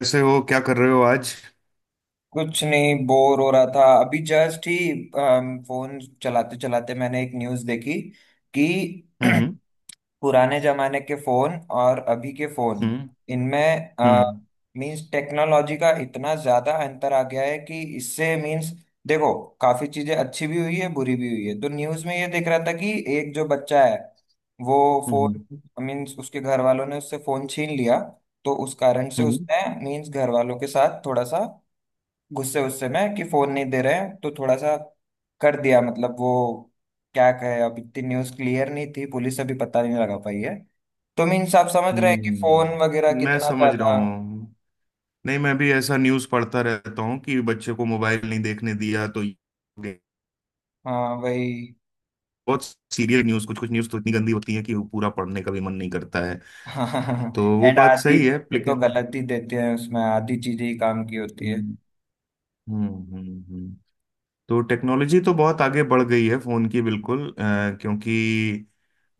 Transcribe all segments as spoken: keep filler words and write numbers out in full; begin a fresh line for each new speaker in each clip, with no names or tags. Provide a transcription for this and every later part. कैसे हो? क्या कर रहे हो आज?
कुछ नहीं, बोर हो रहा था। अभी जस्ट ही फोन चलाते चलाते मैंने एक न्यूज़ देखी कि
हम्म।
पुराने जमाने के फोन और अभी के फोन,
हम्म।
इनमें
हम्म।
मींस टेक्नोलॉजी का इतना ज्यादा अंतर आ गया है कि इससे मींस देखो, काफी चीजें अच्छी भी हुई है, बुरी भी हुई है। तो न्यूज़ में ये देख रहा था कि एक जो बच्चा है, वो फोन
हम्म।
मीन्स उसके घर वालों ने उससे फोन छीन लिया। तो उस कारण से
हम्म।
उसने मीन्स घर वालों के साथ थोड़ा सा, गुस्से गुस्से में, कि फोन नहीं दे रहे हैं तो थोड़ा सा कर दिया, मतलब वो क्या कहे। अब इतनी न्यूज़ क्लियर नहीं थी, पुलिस अभी पता नहीं लगा पाई है। तो मीन्स आप समझ रहे हैं कि फोन वगैरह
हम्म। मैं
कितना
समझ रहा
ज्यादा।
हूँ। नहीं, मैं भी ऐसा न्यूज़ पढ़ता रहता हूँ कि बच्चे को मोबाइल नहीं देखने दिया तो ये हो गया।
हाँ, वही।
बहुत सीरियस न्यूज़। कुछ कुछ न्यूज़ तो इतनी गंदी होती है कि वो पूरा पढ़ने का भी मन नहीं करता है। तो वो
एंड
बात
आधी
सही है
चीजें तो
लेकिन
गलत ही देते हैं, उसमें आधी चीजें ही काम की होती है।
हम्म। हम्म। हम्म। हम्म। तो टेक्नोलॉजी तो बहुत आगे बढ़ गई है फोन की, बिल्कुल अ, क्योंकि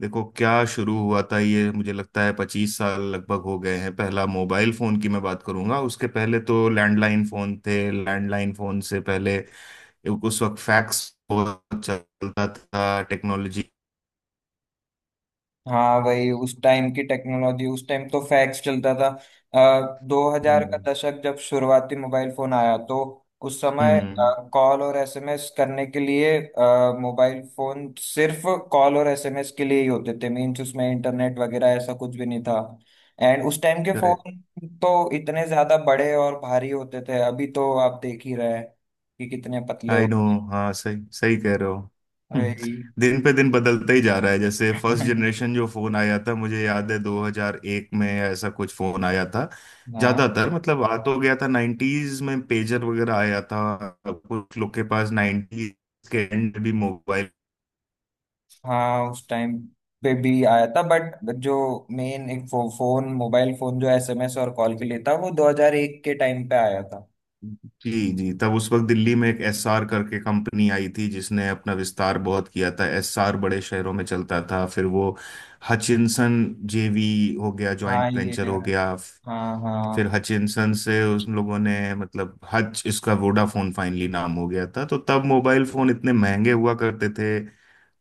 देखो, क्या शुरू हुआ था ये। मुझे लगता है पच्चीस साल लगभग हो गए हैं। पहला मोबाइल फोन की मैं बात करूंगा, उसके पहले तो लैंडलाइन फोन थे। लैंडलाइन फोन से पहले उस वक्त फैक्स बहुत चलता था। टेक्नोलॉजी।
हाँ भाई, उस टाइम की टेक्नोलॉजी, उस टाइम तो फैक्स चलता था। आ, दो हज़ार का
हम्म।
दशक, जब शुरुआती मोबाइल फोन आया, तो उस समय कॉल और एसएमएस करने के लिए आ, मोबाइल फोन सिर्फ कॉल और एसएमएस के लिए ही होते थे। मीन्स उसमें इंटरनेट वगैरह ऐसा कुछ भी नहीं था। एंड उस टाइम के
हम्म।
फोन तो इतने ज्यादा बड़े और भारी होते थे, अभी तो आप देख ही रहे हैं कि कितने पतले हो
आई नो।
गए।
हाँ, सही सही कह रहे हो। हम्म,
वही।
दिन पे दिन बदलता ही जा रहा है। जैसे फर्स्ट जनरेशन जो फोन आया था, मुझे याद है दो हज़ार एक में ऐसा कुछ फोन आया था।
हाँ
ज्यादातर मतलब आ तो गया था नाइंटीज़ में, पेजर वगैरह आया था, कुछ लोग के पास नाइंटीज़ के एंड भी मोबाइल।
हाँ, उस टाइम पे भी आया था, बट जो मेन एक फो, फोन, मोबाइल फोन जो एसएमएस और कॉल के लिए था, वो दो हज़ार एक के टाइम पे आया था।
जी जी, तब उस वक्त दिल्ली में एक एसआर करके कंपनी आई थी जिसने अपना विस्तार बहुत किया था। एसआर बड़े शहरों में चलता था, फिर वो हचिनसन जेवी हो गया,
हाँ
जॉइंट
ये,
वेंचर हो गया।
हाँ
फिर
हाँ
हचिनसन से उन लोगों ने, मतलब हच, इसका वोडाफोन फाइनली नाम हो गया था। तो तब मोबाइल फोन इतने महंगे हुआ करते थे,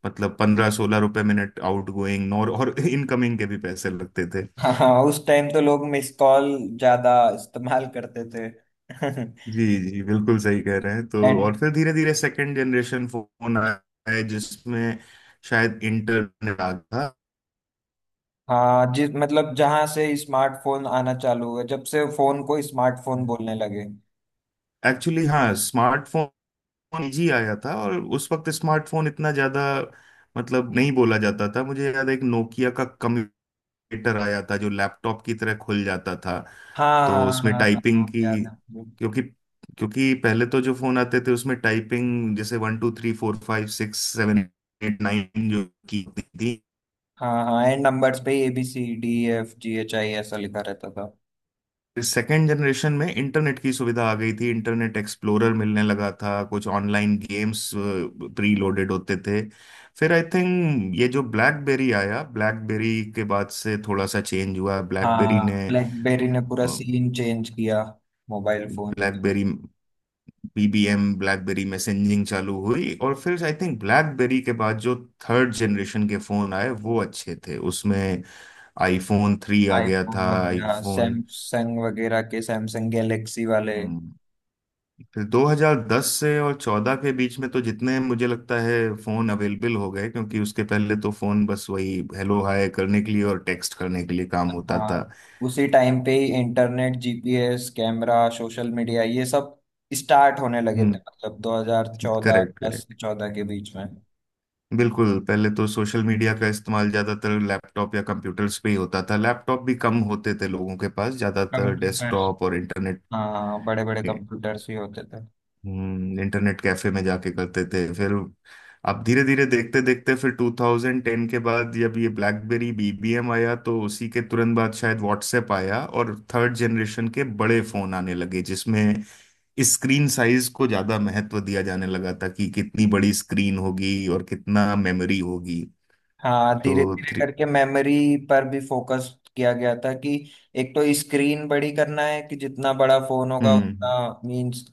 मतलब पंद्रह सोलह रुपए मिनट आउट गोइंग, और और इनकमिंग के भी पैसे लगते थे।
हाँ हाँ, उस टाइम तो लोग मिस कॉल ज्यादा इस्तेमाल करते थे।
जी जी, बिल्कुल सही कह रहे हैं। तो
एंड
और फिर धीरे धीरे सेकंड जनरेशन फोन आए जिसमें शायद इंटरनेट आ गया था।
हाँ, जिस मतलब जहां से स्मार्टफोन आना चालू हुआ, जब से फोन को स्मार्टफोन बोलने लगे।
एक्चुअली हाँ, स्मार्टफोन जी आया था, और उस वक्त स्मार्टफोन इतना ज्यादा मतलब नहीं बोला जाता था। मुझे याद है एक नोकिया का कंप्यूटर आया था जो लैपटॉप की तरह खुल जाता था।
हाँ
तो
हाँ
उसमें
हाँ हाँ
टाइपिंग
हाँ,
की,
याद है मुझे।
क्योंकि क्योंकि पहले तो जो फोन आते थे उसमें टाइपिंग जैसे one two three four five six seven eight nine जो की होती थी।
हाँ हाँ, एंड नंबर्स पे A B C D F G H I ऐसा लिखा रहता था।
सेकेंड जनरेशन में इंटरनेट की सुविधा आ गई थी, इंटरनेट एक्सप्लोरर मिलने लगा था, कुछ ऑनलाइन गेम्स प्री लोडेड होते थे। फिर आई थिंक ये जो ब्लैकबेरी आया, ब्लैकबेरी के बाद से थोड़ा सा चेंज हुआ ब्लैकबेरी ने।
हाँ, ब्लैकबेरी ने पूरा सीन चेंज किया, mobile phone.
BlackBerry BBM, BlackBerry messaging चालू हुई, और फिर आई थिंक ब्लैकबेरी के बाद जो थर्ड जनरेशन के फोन आए वो अच्छे थे, उसमें आईफोन थ्री आ गया
आईफोन
था।
हो गया,
आईफोन।
सैमसंग वगैरह के, सैमसंग गैलेक्सी वाले।
हम्म, फिर दो हज़ार दस से और चौदह के बीच में तो जितने मुझे लगता है फोन अवेलेबल हो गए, क्योंकि उसके पहले तो फोन बस वही हेलो हाय करने के लिए और टेक्स्ट करने के लिए काम होता था।
हाँ, उसी टाइम पे ही internet, GPS, camera, social media ये सब स्टार्ट होने लगे थे।
हम्म।
मतलब दो हज़ार चौदह,
करेक्ट
दस,
करेक्ट।
चौदह के बीच में।
बिल्कुल, पहले तो सोशल मीडिया का इस्तेमाल ज्यादातर लैपटॉप या कंप्यूटर्स पे ही होता था। लैपटॉप भी कम होते थे लोगों के पास, ज्यादातर
कंप्यूटर।
डेस्कटॉप और इंटरनेट।
हाँ, बड़े बड़े कंप्यूटर्स भी होते थे।
हम्म, इंटरनेट कैफे में जाके करते थे। फिर अब धीरे धीरे देखते देखते, फिर ट्वेंटी टेन के बाद जब ये ब्लैकबेरी बीबीएम आया तो उसी के तुरंत बाद शायद व्हाट्सएप आया, और थर्ड जनरेशन के बड़े फोन आने लगे जिसमें स्क्रीन साइज को ज्यादा महत्व दिया जाने लगा था कि कितनी बड़ी स्क्रीन होगी और कितना मेमोरी होगी।
हाँ,
तो
धीरे धीरे
थ्री।
करके मेमोरी पर भी फोकस किया गया था कि एक तो स्क्रीन बड़ी करना है, कि जितना बड़ा फोन होगा
हम्म।
उतना मीन्स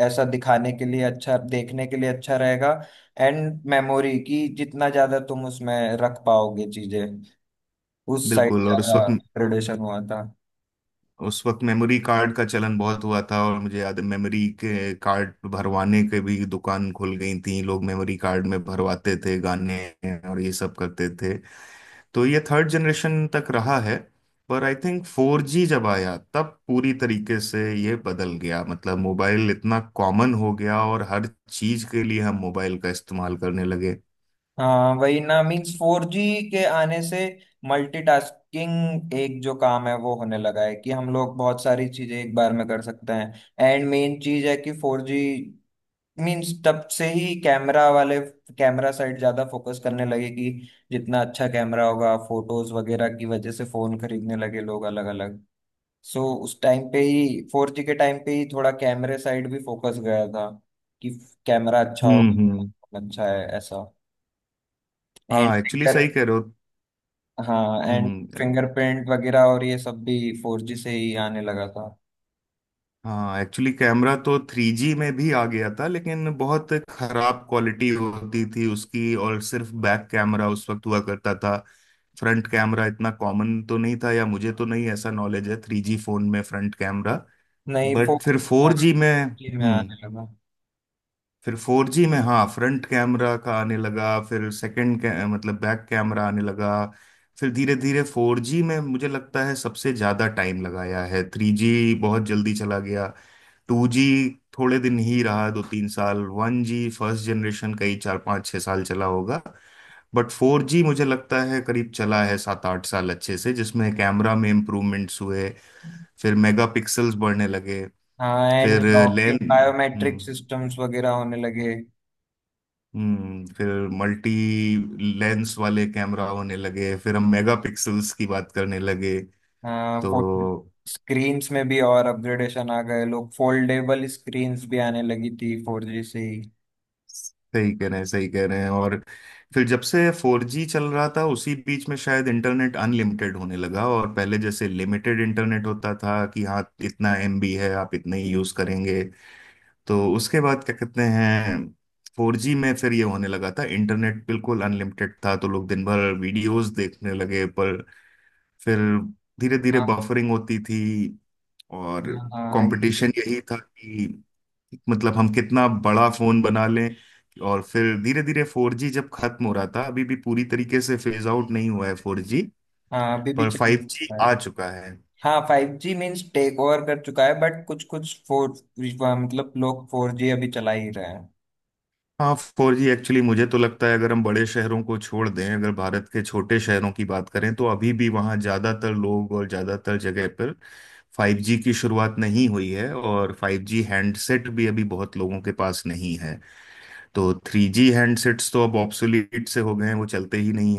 ऐसा दिखाने के लिए अच्छा, देखने के लिए अच्छा रहेगा। एंड मेमोरी की जितना ज्यादा तुम उसमें रख पाओगे चीजें, उस साइड
बिल्कुल। और उस
ज्यादा
वक्त
ग्रेडेशन हुआ था।
उस वक्त मेमोरी कार्ड का चलन बहुत हुआ था, और मुझे याद है मेमोरी के कार्ड भरवाने के भी दुकान खुल गई थी, लोग मेमोरी कार्ड में भरवाते थे गाने और ये सब करते थे। तो ये थर्ड जनरेशन तक रहा है। पर आई थिंक फोर जी जब आया तब पूरी तरीके से ये बदल गया, मतलब मोबाइल इतना कॉमन हो गया और हर चीज के लिए हम मोबाइल का इस्तेमाल करने लगे।
हाँ वही ना, मीन्स फोर जी के आने से मल्टीटास्किंग एक जो काम है, वो होने लगा है कि हम लोग बहुत सारी चीजें एक बार में कर सकते हैं। एंड मेन चीज है कि फोर जी, मीन्स तब से ही कैमरा वाले, कैमरा साइड ज्यादा फोकस करने लगे कि जितना अच्छा कैमरा होगा फोटोज वगैरह की वजह से फोन खरीदने लगे लोग अलग अलग। सो उस टाइम पे ही फोर जी के टाइम पे ही थोड़ा कैमरे साइड भी फोकस गया था कि कैमरा अच्छा
हम्म।
होगा,
हम्म।
अच्छा है ऐसा। एंड
हाँ, एक्चुअली सही कह रहे हो।
हाँ एंड
हम्म।
फिंगरप्रिंट वगैरह और ये सब भी फोर जी से ही आने लगा था।
हाँ, एक्चुअली कैमरा तो थ्री जी में भी आ गया था, लेकिन बहुत खराब क्वालिटी होती थी उसकी, और सिर्फ बैक कैमरा उस वक्त हुआ करता था। फ्रंट कैमरा इतना कॉमन तो नहीं था, या मुझे तो नहीं ऐसा नॉलेज है थ्री जी फोन में फ्रंट कैमरा।
नहीं फोर,
बट फिर फोर
हाँ
जी में
फाइव जी में
हम्म।
आने लगा।
फिर फोर जी में हाँ फ्रंट कैमरा का आने लगा, फिर सेकंड मतलब बैक कैमरा आने लगा। फिर धीरे धीरे फोर जी में मुझे लगता है सबसे ज्यादा टाइम लगाया है, थ्री जी बहुत जल्दी चला गया। टू जी थोड़े दिन ही रहा, दो तीन साल। वन जी फर्स्ट जनरेशन कई चार पाँच छः साल चला होगा। बट फोर जी मुझे लगता है करीब चला है सात आठ साल अच्छे से, जिसमें कैमरा में इम्प्रूवमेंट्स हुए, फिर मेगा पिक्सल्स बढ़ने लगे।
हाँ एंड
फिर
locking
lens.
Biometric
hmm.
Systems वगैरह होने लगे।
हम्म, फिर मल्टी लेंस वाले कैमरा होने लगे, फिर हम मेगा पिक्सल्स की बात करने लगे।
हाँ
तो
फोन स्क्रीन्स में भी और अपग्रेडेशन आ गए, लोग फोल्डेबल स्क्रीन्स भी आने लगी थी फोर जी से ही।
सही कह रहे हैं, सही कह रहे हैं। और फिर जब से फोर जी चल रहा था उसी बीच में शायद इंटरनेट अनलिमिटेड होने लगा, और पहले जैसे लिमिटेड इंटरनेट होता था कि हाँ इतना एमबी है, आप इतने ही यूज करेंगे। तो उसके बाद क्या कहते हैं, फोर जी में फिर ये होने लगा था, इंटरनेट बिल्कुल अनलिमिटेड था, तो लोग दिन भर वीडियोस देखने लगे। पर फिर धीरे धीरे
हाँ
बफरिंग होती थी। और
हाँ हाँ ये सब-
कंपटीशन यही था कि मतलब हम कितना बड़ा फोन बना लें। और फिर धीरे धीरे फोर जी जब खत्म हो रहा था, अभी भी पूरी तरीके से फेज आउट नहीं हुआ है फोर जी,
हाँ, अभी भी
पर
चल
फाइव जी
रहा है।
आ चुका है।
हाँ five G means take over कर चुका है बट कुछ कुछ फोर, मतलब लोग फोर जी अभी चला ही रहे हैं।
हाँ फोर जी एक्चुअली मुझे तो लगता है अगर हम बड़े शहरों को छोड़ दें, अगर भारत के छोटे शहरों की बात करें तो अभी भी वहाँ ज़्यादातर लोग और ज़्यादातर जगह पर फाइव जी की शुरुआत नहीं हुई है, और फाइव जी हैंडसेट भी अभी बहुत लोगों के पास नहीं है। तो थ्री जी हैंडसेट्स तो अब ऑब्सोलीट से हो गए हैं, वो चलते ही नहीं।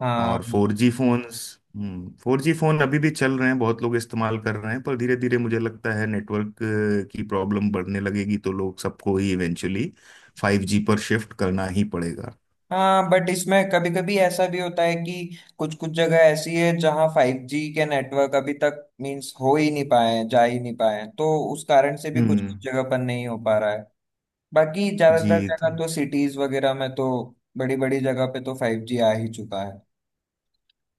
हाँ
और four G phones. Hmm, four G phone अभी भी चल रहे हैं, बहुत लोग इस्तेमाल कर रहे हैं, पर धीरे धीरे मुझे लगता है नेटवर्क की प्रॉब्लम बढ़ने लगेगी, तो लोग सबको ही इवेंचुअली फाइव जी पर शिफ्ट करना ही पड़ेगा।
हाँ, बट इसमें कभी कभी ऐसा भी होता है कि कुछ कुछ जगह ऐसी है जहाँ फाइव जी के नेटवर्क अभी तक मीन्स हो ही नहीं पाए हैं, जा ही नहीं पाए हैं, तो उस कारण से भी कुछ कुछ
हम्म।
जगह पर नहीं हो पा रहा है। बाकी
जी।
ज्यादातर
तो
जगह तो सिटीज वगैरह में तो, बड़ी बड़ी जगह पे तो फाइव जी आ ही चुका है।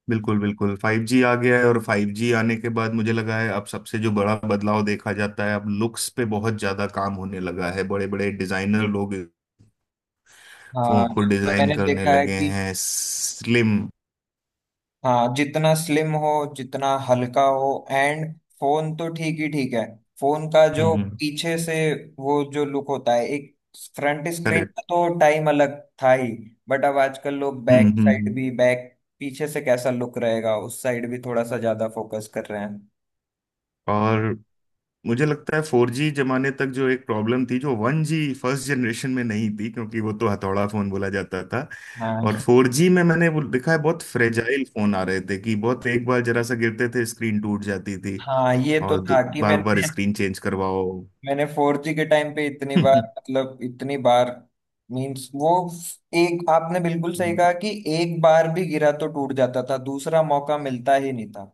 बिल्कुल बिल्कुल फाइव जी आ गया है, और फाइव जी आने के बाद मुझे लगा है अब सबसे जो बड़ा बदलाव देखा जाता है, अब लुक्स पे बहुत ज्यादा काम होने लगा है। बड़े बड़े डिजाइनर लोग फोन
हाँ
को
जब से
डिजाइन
मैंने
करने
देखा है
लगे
कि
हैं स्लिम।
हाँ जितना स्लिम हो, जितना हल्का हो। एंड फोन तो ठीक ही ठीक है, फोन का
हम्म।
जो
हम्म।
पीछे से वो जो लुक होता है एक। Front screen
correct.
का तो टाइम अलग था ही, बट अब आजकल लोग
hmm.
Back
hmm.
Side
hmm.
भी, बैक पीछे से कैसा लुक रहेगा उस साइड भी थोड़ा सा ज्यादा फोकस कर रहे हैं।
और मुझे लगता है फोर जी जमाने तक जो एक प्रॉब्लम थी जो वन जी फर्स्ट जनरेशन में नहीं थी, क्योंकि वो तो हथौड़ा फोन बोला जाता था। और
हाँ
फोर जी में मैंने वो देखा है बहुत फ्रेजाइल फोन आ रहे थे, कि बहुत एक बार जरा सा गिरते थे स्क्रीन टूट जाती थी,
हाँ, ये तो
और
था कि
बार बार
मैंने
स्क्रीन चेंज करवाओ
मैंने फोर जी के टाइम पे इतनी बार, मतलब इतनी बार मींस वो एक, आपने बिल्कुल सही कहा कि एक बार भी गिरा तो टूट जाता था, दूसरा मौका मिलता ही नहीं था।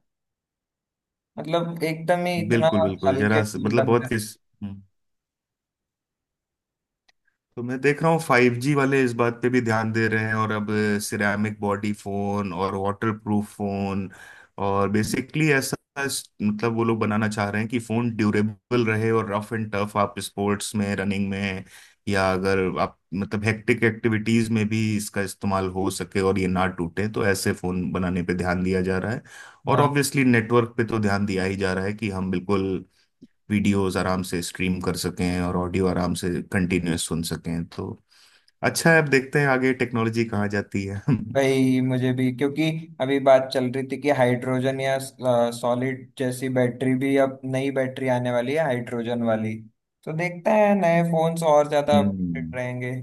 मतलब एकदम ही इतना
बिल्कुल बिल्कुल
हल्के
जरा सा-
फोन
मतलब
बनता
बहुत
है।
किस। हम्म। तो मैं देख रहा हूँ फाइव जी वाले इस बात पे भी ध्यान दे रहे हैं, और अब सिरेमिक बॉडी फोन और वाटर प्रूफ फोन, और बेसिकली ऐसा इस- मतलब वो लोग बनाना चाह रहे हैं कि फोन ड्यूरेबल रहे और रफ एंड टफ। आप स्पोर्ट्स में, रनिंग में, या अगर आप मतलब हेक्टिक एक्टिविटीज में भी इसका इस्तेमाल हो सके और ये ना टूटे, तो ऐसे फोन बनाने पे ध्यान दिया जा रहा है। और
हाँ
ऑब्वियसली नेटवर्क पे तो ध्यान दिया ही जा रहा है कि हम बिल्कुल वीडियोस आराम से स्ट्रीम कर सकें और ऑडियो आराम से कंटिन्यूअस सुन सकें। तो अच्छा है, अब देखते हैं आगे टेक्नोलॉजी कहाँ जाती है हम्म।
भाई, मुझे भी क्योंकि अभी बात चल रही थी कि हाइड्रोजन या सॉलिड जैसी बैटरी भी, अब नई बैटरी आने वाली है हाइड्रोजन वाली। तो देखते हैं नए फोन्स और ज्यादा अपडेट रहेंगे।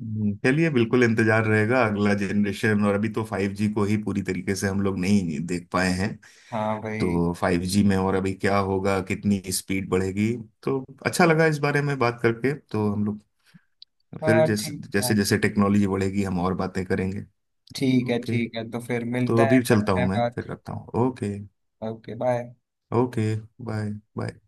हम्म, चलिए, बिल्कुल इंतजार रहेगा अगला जनरेशन, और अभी तो फाइव जी को ही पूरी तरीके से हम लोग नहीं देख पाए हैं।
हाँ भाई।
तो फाइव जी में और अभी क्या होगा, कितनी स्पीड बढ़ेगी। तो अच्छा लगा इस बारे में बात करके। तो हम लोग फिर
हाँ,
जैसे
ठीक है
जैसे जैसे टेक्नोलॉजी बढ़ेगी हम और बातें करेंगे।
ठीक है।
ओके,
ठीक है, तो फिर
तो
मिलते हैं,
अभी चलता
करते
हूँ
हैं
मैं,
बात।
फिर रखता हूँ। Okay.
Okay bye.
Okay. Bye. Bye.